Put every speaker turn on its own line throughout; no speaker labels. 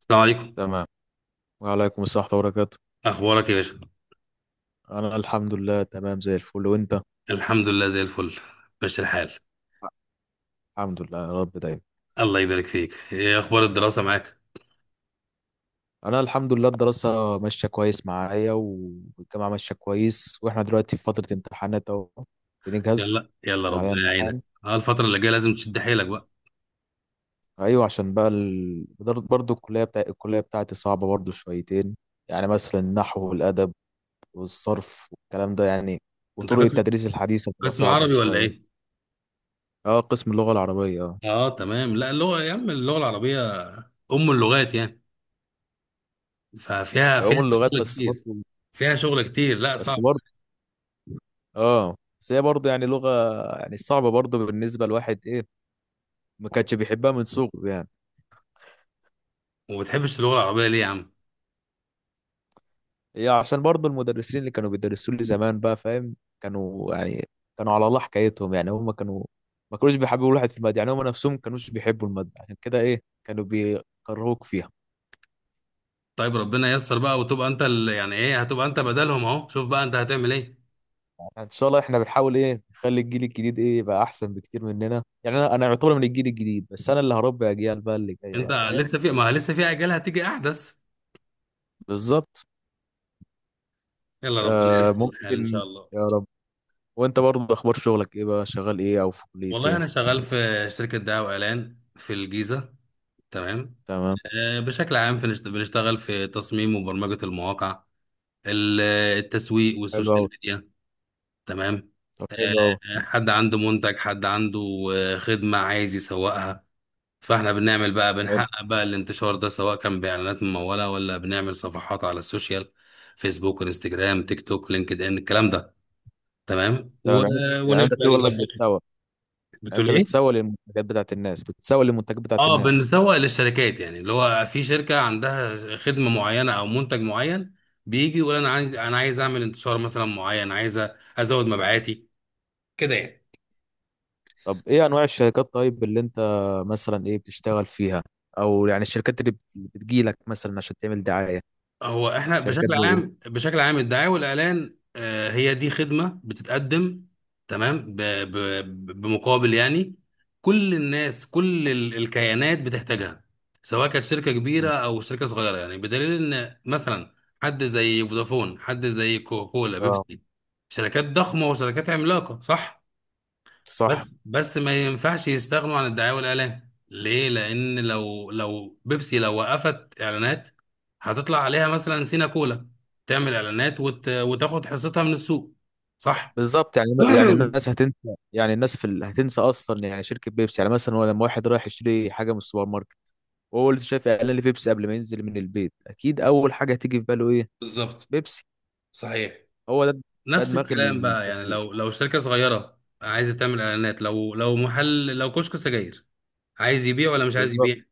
السلام عليكم.
تمام. وعليكم السلام ورحمة الله وبركاته.
اخبارك يا باشا؟
أنا الحمد لله، تمام زي الفل، وأنت؟
الحمد لله زي الفل، ماشي الحال.
الحمد لله يا رب دايما.
الله يبارك فيك، ايه اخبار الدراسه معاك؟
أنا الحمد لله الدراسة ماشية كويس معايا، والجامعة ماشية كويس، وإحنا دلوقتي في فترة امتحانات أهو، بنجهز.
يلا يلا
عشان علينا
ربنا يعينك،
امتحان.
الفتره اللي جايه لازم تشد حيلك بقى.
أيوة، عشان بقى برضه الكلية بتاعتي صعبة برضه شويتين، يعني مثلا النحو والأدب، والصرف والكلام ده يعني،
انت
وطرق
قسم
التدريس الحديثة بتبقى
قسم
صعبة
عربي ولا
شوية.
ايه؟
أه، قسم اللغة العربية، أه.
اه تمام، لا اللغه يا عم، اللغه العربيه، ام اللغات يعني، ففيها
علوم
فيها
اللغات
شغل
بس
كتير،
برضه
فيها شغل كتير، لا
بس
صعب.
برضه اه. بس هي برضه يعني لغة، يعني صعبة برضه بالنسبة لواحد، ايه، ما كانش بيحبها من صغره يعني.
وما بتحبش اللغه العربيه ليه يا عم؟
هي عشان برضه المدرسين اللي كانوا بيدرسوا لي زمان، بقى فاهم، كانوا على الله حكايتهم، يعني هم ما كانوش بيحبوا الواحد في المادة، يعني هم نفسهم ما كانوش بيحبوا المادة، عشان كده ايه كانوا بيكرهوك فيها.
طيب ربنا ييسر بقى، وتبقى انت يعني ايه، هتبقى انت بدلهم اهو، شوف بقى انت هتعمل ايه.
يعني ان شاء الله احنا بنحاول ايه نخلي الجيل الجديد ايه يبقى احسن بكتير مننا، يعني انا يعتبر من الجيل الجديد، بس انا اللي هربي اجيال بقى اللي جاية،
انت
بقى فاهم.
لسه في ما لسه في اجيال هتيجي احدث.
بالظبط.
يلا ربنا
آه،
ييسر الحال ان شاء
ممكن.
الله.
يا رب. وانت برضه، اخبار شغلك ايه بقى؟ شغال ايه او في كلية
والله
ايه؟
انا شغال في شركه دعايه واعلان في الجيزه. تمام.
تمام.
بشكل عام بنشتغل في تصميم وبرمجه المواقع، ال- التسويق
حلو قوي.
والسوشيال ميديا. تمام.
طب حلو قوي.
حد عنده منتج، حد عنده خدمه عايز يسوقها، فاحنا بنعمل بقى،
حلو.
بنحقق بقى الانتشار ده، سواء كان باعلانات مموله، ولا بنعمل صفحات على السوشيال، فيسبوك انستجرام تيك توك لينكد ان الكلام ده. تمام
تمام. يعني انت
ونبدا
شغلك
نظبط.
بتسوق؟ يعني
بتقول
انت
ايه؟
بتسوق للمنتجات بتاعت
اه
الناس.
بنسوق للشركات، يعني اللي هو في شركة عندها خدمة معينة او منتج معين، بيجي يقول انا عايز اعمل انتشار مثلا معين، عايز ازود مبيعاتي كده يعني.
طب ايه انواع الشركات طيب، اللي انت مثلا ايه بتشتغل فيها، او يعني الشركات اللي اللي بتجيلك مثلا عشان تعمل دعاية؟
هو احنا
شركات
بشكل
زي
عام بشكل عام الدعاية والإعلان هي دي خدمة بتتقدم. تمام بمقابل يعني. كل الناس، كل الكيانات بتحتاجها، سواء كانت شركة كبيرة
ايه؟
أو شركة صغيرة، يعني بدليل إن مثلا حد زي فودافون، حد زي كوكولا
اه.
بيبسي، شركات ضخمة وشركات عملاقة، صح؟ بس
صح.
بس ما ينفعش يستغنوا عن الدعاية والإعلان ليه؟ لأن لو بيبسي، لو وقفت إعلانات، هتطلع عليها مثلا سينا كولا، تعمل إعلانات وتاخد حصتها من السوق، صح؟
بالظبط، يعني الناس هتنسى، يعني الناس هتنسى اصلا، يعني شركة بيبسي، يعني مثلا هو لما واحد رايح يشتري حاجة من السوبر ماركت وهو لسه شايف اعلان لبيبسي قبل ما ينزل من البيت، اكيد اول حاجه هتيجي في باله ايه؟
بالظبط،
بيبسي.
صحيح.
هو ده. ده
نفس
دماغ
الكلام بقى، يعني
التسويق.
لو شركة صغيرة عايزة تعمل إعلانات، لو محل، لو كشك سجاير، عايز يبيع ولا مش عايز
بالظبط.
يبيع؟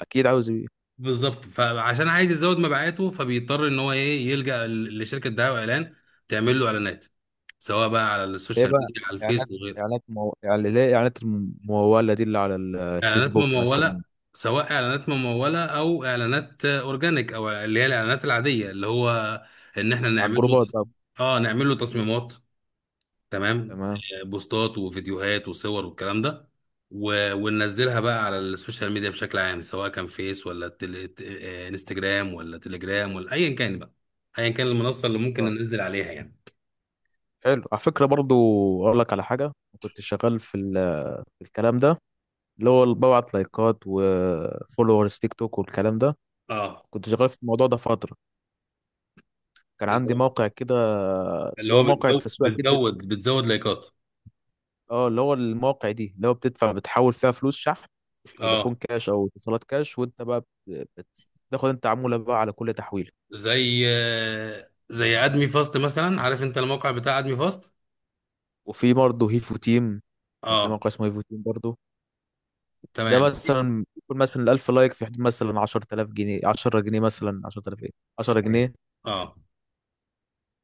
اكيد عاوز ايه.
بالظبط، فعشان عايز يزود مبيعاته، فبيضطر ان هو ايه، يلجأ لشركه دعايه واعلان تعمل له اعلانات، سواء بقى على
ايه
السوشيال
بقى؟
ميديا، على الفيس
اعلانات.
وغيره.
يعني ليه اعلانات المموله دي اللي على
اعلانات
الفيسبوك
مموله،
مثلا؟
سواء اعلانات مموله او اعلانات اورجانيك، او اللي هي الاعلانات العاديه، اللي هو ان احنا
على
نعمل له
الجروبات بقى.
نعمل له تصميمات. تمام
تمام.
بوستات وفيديوهات وصور والكلام ده، وننزلها بقى على السوشيال ميديا بشكل عام، سواء كان فيس ولا تل... ت- آه، انستجرام ولا تليجرام ولا ايا كان بقى، ايا كان المنصه اللي ممكن
آه،
ننزل عليها يعني.
حلو على فكره برضو، اقول لك على حاجه. كنت شغال في الكلام ده، اللي ببعت لايكات وفولورز تيك توك والكلام ده.
اه
كنت شغال في الموضوع ده فتره، كان
اللي
عندي
هو
موقع كده،
اللي
اللي هو
هو
موقع
بتزود
التسويق كده.
بتزود بتزود لايكات.
اه، اللي هو المواقع دي اللي هو بتحول فيها فلوس شحن، فودافون
اه
كاش او اتصالات كاش، وانت بقى بتاخد انت عمولة بقى على كل تحويلة.
زي زي ادمي فاست مثلا، عارف انت الموقع بتاع ادمي فاست.
وفي برضه هيفو تيم، كان في
اه
موقع اسمه هيفو تيم برضه. ده
تمام،
مثلا يكون مثلا الألف لايك في حدود مثلا 10000 جنيه، 10 جنيه مثلا، 10000 ايه، 10
صحيح.
جنيه
اه،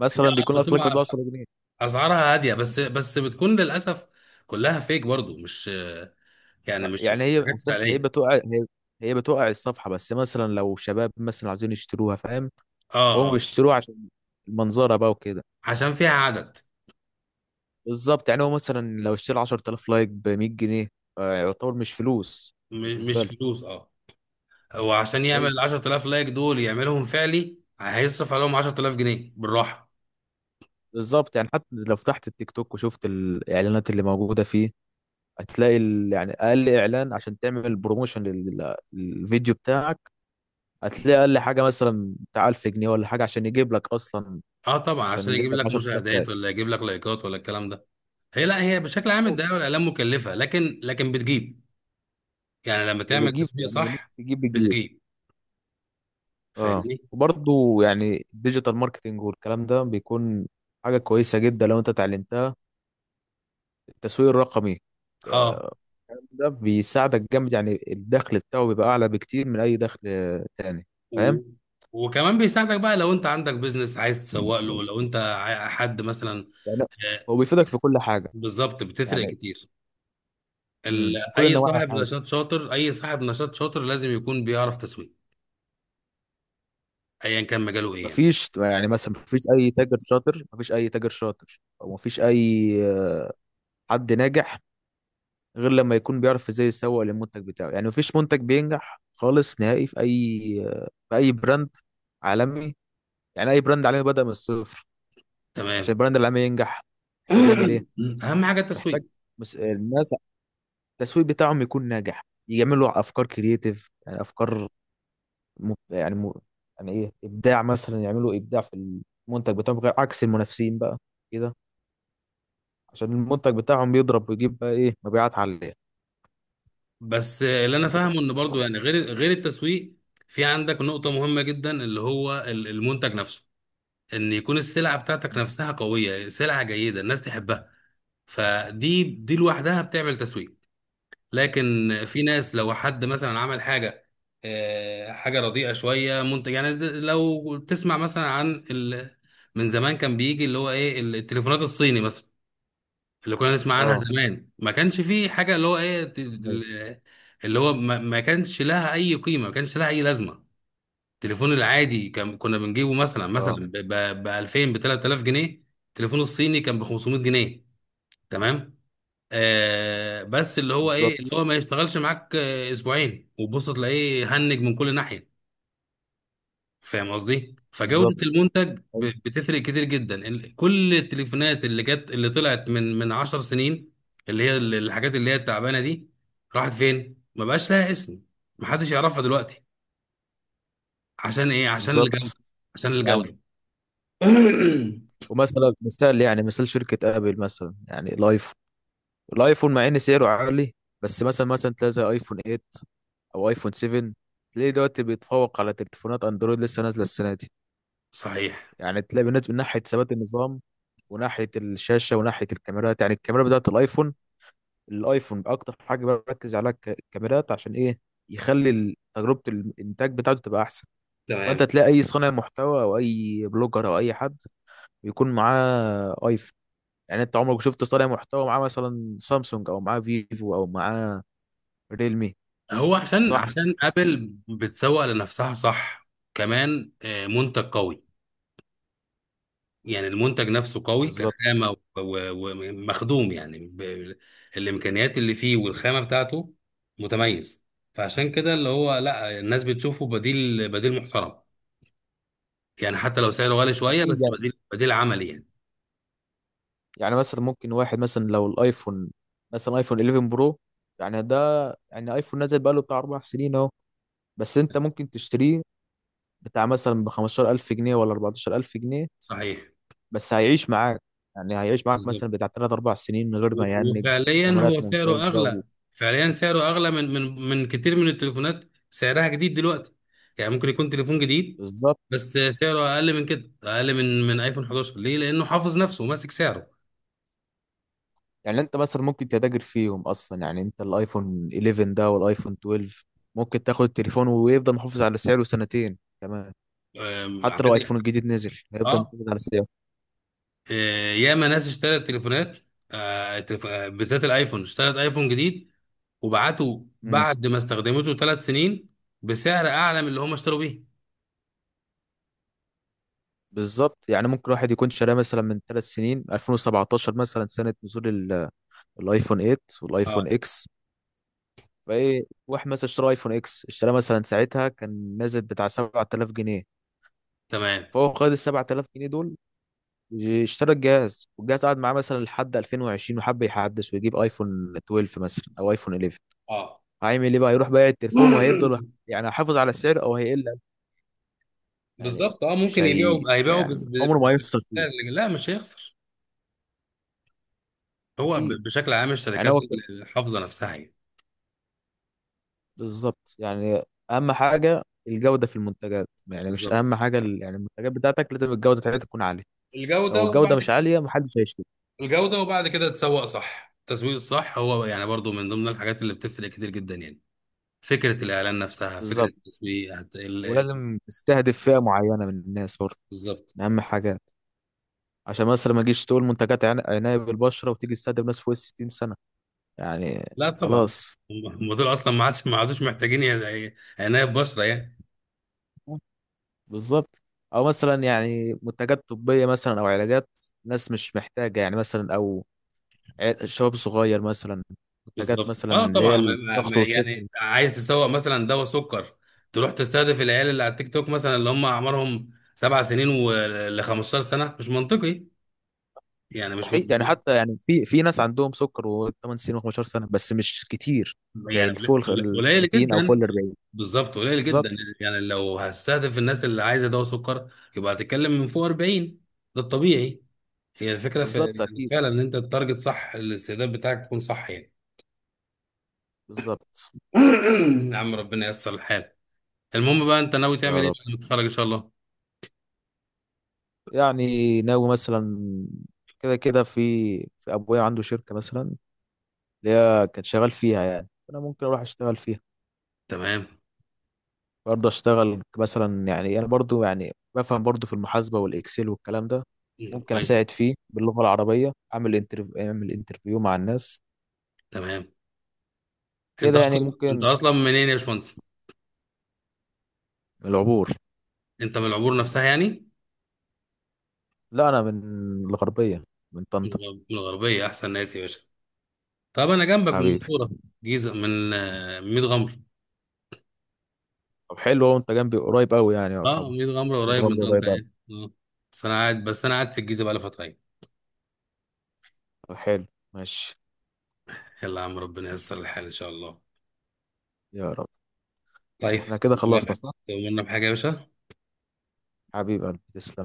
مثلا بيكون 1000 لايك في
بتبقى
حدود 10 جنيه.
اسعارها هاديه، بس بتكون للاسف كلها فيك برضو، مش يعني،
لا،
مش
يعني هي
حاجات
أصلاً هي
فعليه.
بتوقع هي هي بتوقع الصفحة، بس مثلا لو شباب مثلا عايزين يشتروها، فاهم،
اه
هم
اه
بيشتروها عشان المنظرة بقى وكده.
عشان فيها عدد،
بالظبط، يعني هو مثلا لو اشترى 10000 لايك ب 100 جنيه، آه، يعتبر مش فلوس بالنسبه
مش
له.
فلوس اه. وعشان يعمل
ايوه.
ال 10,000 لايك دول يعملهم فعلي هيصرف عليهم 10,000 جنيه بالراحه.
بالظبط، يعني حتى لو فتحت التيك توك وشفت الاعلانات اللي موجوده فيه، هتلاقي يعني اقل اعلان عشان تعمل بروموشن للفيديو بتاعك، هتلاقي اقل حاجه مثلا بتاع 1000 جنيه ولا حاجه عشان يجيب لك اصلا،
اه طبعا،
عشان
عشان يجيب
يجيب لك
لك
10000
مشاهدات،
لايك.
ولا يجيب لك لايكات، ولا الكلام ده. هي لا، هي بشكل عام الدعايه والاعلام مكلفه، لكن بتجيب. يعني لما تعمل
بتجيب،
تسويق
يعني ممكن
صح
تجيب، بتجيب.
بتجيب،
اه.
فاهمني؟
وبرضه يعني الديجيتال ماركتنج والكلام ده بيكون حاجه كويسه جدا لو انت اتعلمتها، التسويق الرقمي. آه،
اه
ده بيساعدك جامد، يعني الدخل بتاعه بيبقى اعلى بكتير من اي دخل آه تاني، فاهم.
و... وكمان بيساعدك بقى لو انت عندك بيزنس عايز تسوق له، لو انت حد مثلا،
يعني
آه،
هو بيفيدك في كل حاجه،
بالظبط، بتفرق
يعني
كتير ال...
كل
اي
النواحي
صاحب
حاجه.
نشاط شاطر اي صاحب نشاط شاطر لازم يكون بيعرف تسويق، ايا كان مجاله ايه يعني.
مفيش يعني مثلا مفيش اي تاجر شاطر، مفيش اي تاجر شاطر او مفيش اي آه، حد ناجح غير لما يكون بيعرف ازاي يسوق للمنتج بتاعه، يعني مفيش منتج بينجح خالص نهائي في اي براند عالمي، يعني اي براند عالمي بدأ من الصفر.
تمام.
عشان البراند العالمي ينجح، محتاج يعمل ايه؟
اهم حاجه التسويق.
محتاج الناس التسويق بتاعهم يكون ناجح، يعملوا افكار كرييتيف، يعني افكار م... يعني م... يعني ايه، ابداع، مثلا يعملوا ابداع في المنتج بتاعهم غير عكس المنافسين بقى كده، عشان المنتج بتاعهم بيضرب ويجيب بقى ايه مبيعات عاليه.
بس اللي انا فاهمه ان برضو يعني، غير التسويق، في عندك نقطه مهمه جدا اللي هو المنتج نفسه، ان يكون السلعه بتاعتك نفسها قويه، سلعه جيده الناس تحبها، فدي لوحدها بتعمل تسويق. لكن في ناس لو حد مثلا عمل حاجه، حاجه رديئه شويه، منتج يعني لو تسمع مثلا عن من زمان كان بيجي اللي هو ايه التليفونات الصيني مثلا، اللي كنا نسمع عنها
اه.
زمان، ما كانش فيه حاجه اللي هو ايه
أيوة.
اللي هو ما كانش لها اي قيمه، ما كانش لها اي لازمه. التليفون العادي كان كنا بنجيبه مثلا
اه.
مثلا ب 2000، ب 3000 جنيه. التليفون الصيني كان ب 500 جنيه. تمام. آه، بس اللي هو ايه، اللي
بالظبط.
هو ما يشتغلش معاك اسبوعين وبص تلاقيه هنج من كل ناحيه. فاهم قصدي، فجوده
بالظبط.
المنتج
أيوة.
بتفرق كتير جدا. كل التليفونات اللي جت، اللي طلعت من 10 سنين، اللي هي الحاجات اللي هي التعبانه دي، راحت فين؟ ما بقاش لها اسم، محدش يعرفها دلوقتي. عشان ايه؟ عشان الجوده،
بالظبط
عشان
يعني.
الجوده.
ومثلا مثال يعني مثال شركه ابل، مثلا يعني الايفون، الايفون مع ان سعره عالي، بس مثلا تلاقي زي ايفون 8 او ايفون 7، تلاقيه دلوقتي بيتفوق على تليفونات اندرويد لسه نازله السنه دي.
صحيح.
يعني تلاقي بالنسبه من ناحيه ثبات النظام، وناحيه الشاشه وناحيه الكاميرات، يعني الكاميرا بتاعت الايفون، الايفون اكتر حاجه بركز عليها الكاميرات، عشان ايه؟ يخلي تجربه الانتاج بتاعته تبقى احسن.
تمام.
فانت تلاقي اي صانع محتوى او اي بلوجر او اي حد بيكون معاه ايفون، يعني انت عمرك شفت صانع محتوى معاه مثلا سامسونج او معاه فيفو او معاه ريلمي؟
هو عشان
صح.
عشان ابل بتسوق لنفسها صح، كمان منتج قوي، يعني المنتج نفسه قوي
بالظبط
كخامة ومخدوم يعني الإمكانيات اللي فيه والخامة بتاعته متميز. فعشان كده، اللي هو لا، الناس بتشوفه بديل محترم، يعني حتى لو سعره غالي شوية
اكيد
بس
يعني،
بديل عملي يعني.
يعني مثلا ممكن واحد مثلا لو الايفون، مثلا ايفون 11 برو، يعني ده، يعني ايفون نزل بقاله بتاع 4 سنين اهو، بس انت ممكن تشتريه بتاع مثلا ب 15000 جنيه ولا 14000 جنيه،
صحيح.
بس هيعيش معاك، يعني هيعيش معاك مثلا
بالظبط.
بتاع 3 4 سنين من غير ما يهنج.
وفعليا
كاميرات
هو سعره
ممتازة و...
أغلى. فعليا سعره أغلى من كتير من التليفونات سعرها جديد دلوقتي، يعني ممكن يكون تليفون جديد
بالظبط،
بس سعره أقل من كده، أقل من آيفون 11، ليه؟ لأنه حافظ نفسه وماسك سعره.
يعني انت مثلا ممكن تتاجر فيهم اصلا، يعني انت الايفون 11 ده والايفون 12 ممكن تاخد التليفون ويفضل محافظ على سعره سنتين كمان. حتى لو
عادي
ايفون الجديد نزل هيفضل
اه.
محافظ على سعره.
آه، ياما ناس اشترت تليفونات، بالذات الايفون، اشترت ايفون جديد وبعته
امم.
بعد ما استخدمته 3 سنين، بسعر اعلى من اللي هم اشتروا بيه.
بالظبط، يعني ممكن واحد يكون شاريه مثلا من 3 سنين 2017 مثلا سنه نزول الايفون 8
اه
والايفون اكس. فايه واحد مثلا اشترى ايفون اكس اشتراه مثلا ساعتها كان نازل بتاع 7000 جنيه،
تمام
فهو خد ال 7000 جنيه دول، اشترى الجهاز والجهاز قعد معاه مثلا لحد 2020، وحب يحدث ويجيب ايفون 12 مثلا او ايفون 11.
اه.
هيعمل ايه بقى؟ يروح بايع التليفون وهيفضل، يعني هيحافظ على السعر او هيقل، يعني
بالظبط. اه
مش
ممكن
هي
يبيعوا،
مش هي
هيبيعوا
يعني عمره ما هيخسر.
بسعر لا مش هيخسر. هو
اكيد
بشكل عام
يعني،
الشركات
هو
الحافظه نفسها يعني.
بالظبط، يعني اهم حاجه الجوده في المنتجات، يعني مش
بالظبط.
اهم حاجه يعني المنتجات بتاعتك لازم الجوده بتاعتها تكون عاليه، لو
الجوده
الجوده
وبعد
مش
كده،
عاليه محدش هيشتري.
الجوده وبعد كده تسوق صح. التسويق الصح هو يعني برضو من ضمن الحاجات اللي بتفرق كتير جدا، يعني فكرة الإعلان نفسها، فكرة
بالظبط.
التسويق
ولازم تستهدف فئه معينه من الناس برضه،
بالظبط.
من اهم حاجات، عشان مثلا ما تجيش تقول منتجات عنايه بالبشره وتيجي تستهدف ناس فوق ال 60 سنه يعني.
لا طبعا.
خلاص.
هم هم دول أصلا ما عادش، ما عادوش محتاجين عناية بشرة يعني.
بالظبط. او مثلا يعني منتجات طبيه مثلا او علاجات، ناس مش محتاجه يعني، مثلا، او الشباب الصغير مثلا، حاجات
بالظبط
مثلا
اه
اللي هي
طبعا،
الضغط والسكر.
يعني عايز تسوق مثلا دواء سكر، تروح تستهدف العيال اللي على التيك توك مثلا اللي هم أعمارهم 7 سنين ول 15 سنة، مش منطقي يعني، مش من...
مستحيل، يعني حتى يعني في ناس عندهم سكر و8 سنين و15 سنه بس مش كتير، زي
يعني
الفوق ال
قليل
30 او فوق
جدا.
ال 40.
بالظبط قليل
بالظبط.
جدا. يعني لو هستهدف الناس اللي عايزة دواء سكر، يبقى هتتكلم من فوق 40، ده الطبيعي. هي الفكرة في
بالظبط.
يعني
اكيد.
فعلا، ان انت التارجت صح، الاستعداد بتاعك يكون صح يعني.
بالظبط.
يا عم ربنا ييسر الحال. المهم بقى انت ناوي تعمل
يا
ايه
رب.
بعد ما تتخرج ان شاء الله؟
يعني ناوي مثلا، كده كده في، في ابويا عنده شركه مثلا اللي هي كان شغال فيها، يعني انا ممكن اروح اشتغل فيها.
تمام.
برضه اشتغل مثلا، يعني انا برضه يعني بفهم برضه في المحاسبه والاكسل والكلام ده،
مم،
ممكن
كويس.
اساعد فيه باللغه العربيه، اعمل انترفيو مع الناس،
تمام. انت
كده يعني
اصلا انت
ممكن.
اصلا منين يا باشمهندس؟
العبور.
انت من العبور نفسها يعني؟
لا انا من الغربيه، من طنطا.
من الغربية، احسن ناس يا باشا. طب انا جنبك، من
حبيبي.
المنصورة. جيزة، من ميت غمر.
طب حلو، هو انت جنبي قريب قوي يعني
اه
يعتبر،
ميت غمر قريب من
بتغني قريب
طنطا
قوي.
يعني اه. بس انا قاعد في الجيزة بقى لي فترة يعني.
طب حلو. ماشي.
يلا يا عم ربنا ييسر الحال ان شاء الله.
يا رب.
طيب.
احنا كده خلصنا صح؟
تؤمرنا بحاجة يا باشا؟
حبيبي قلبي تسلم.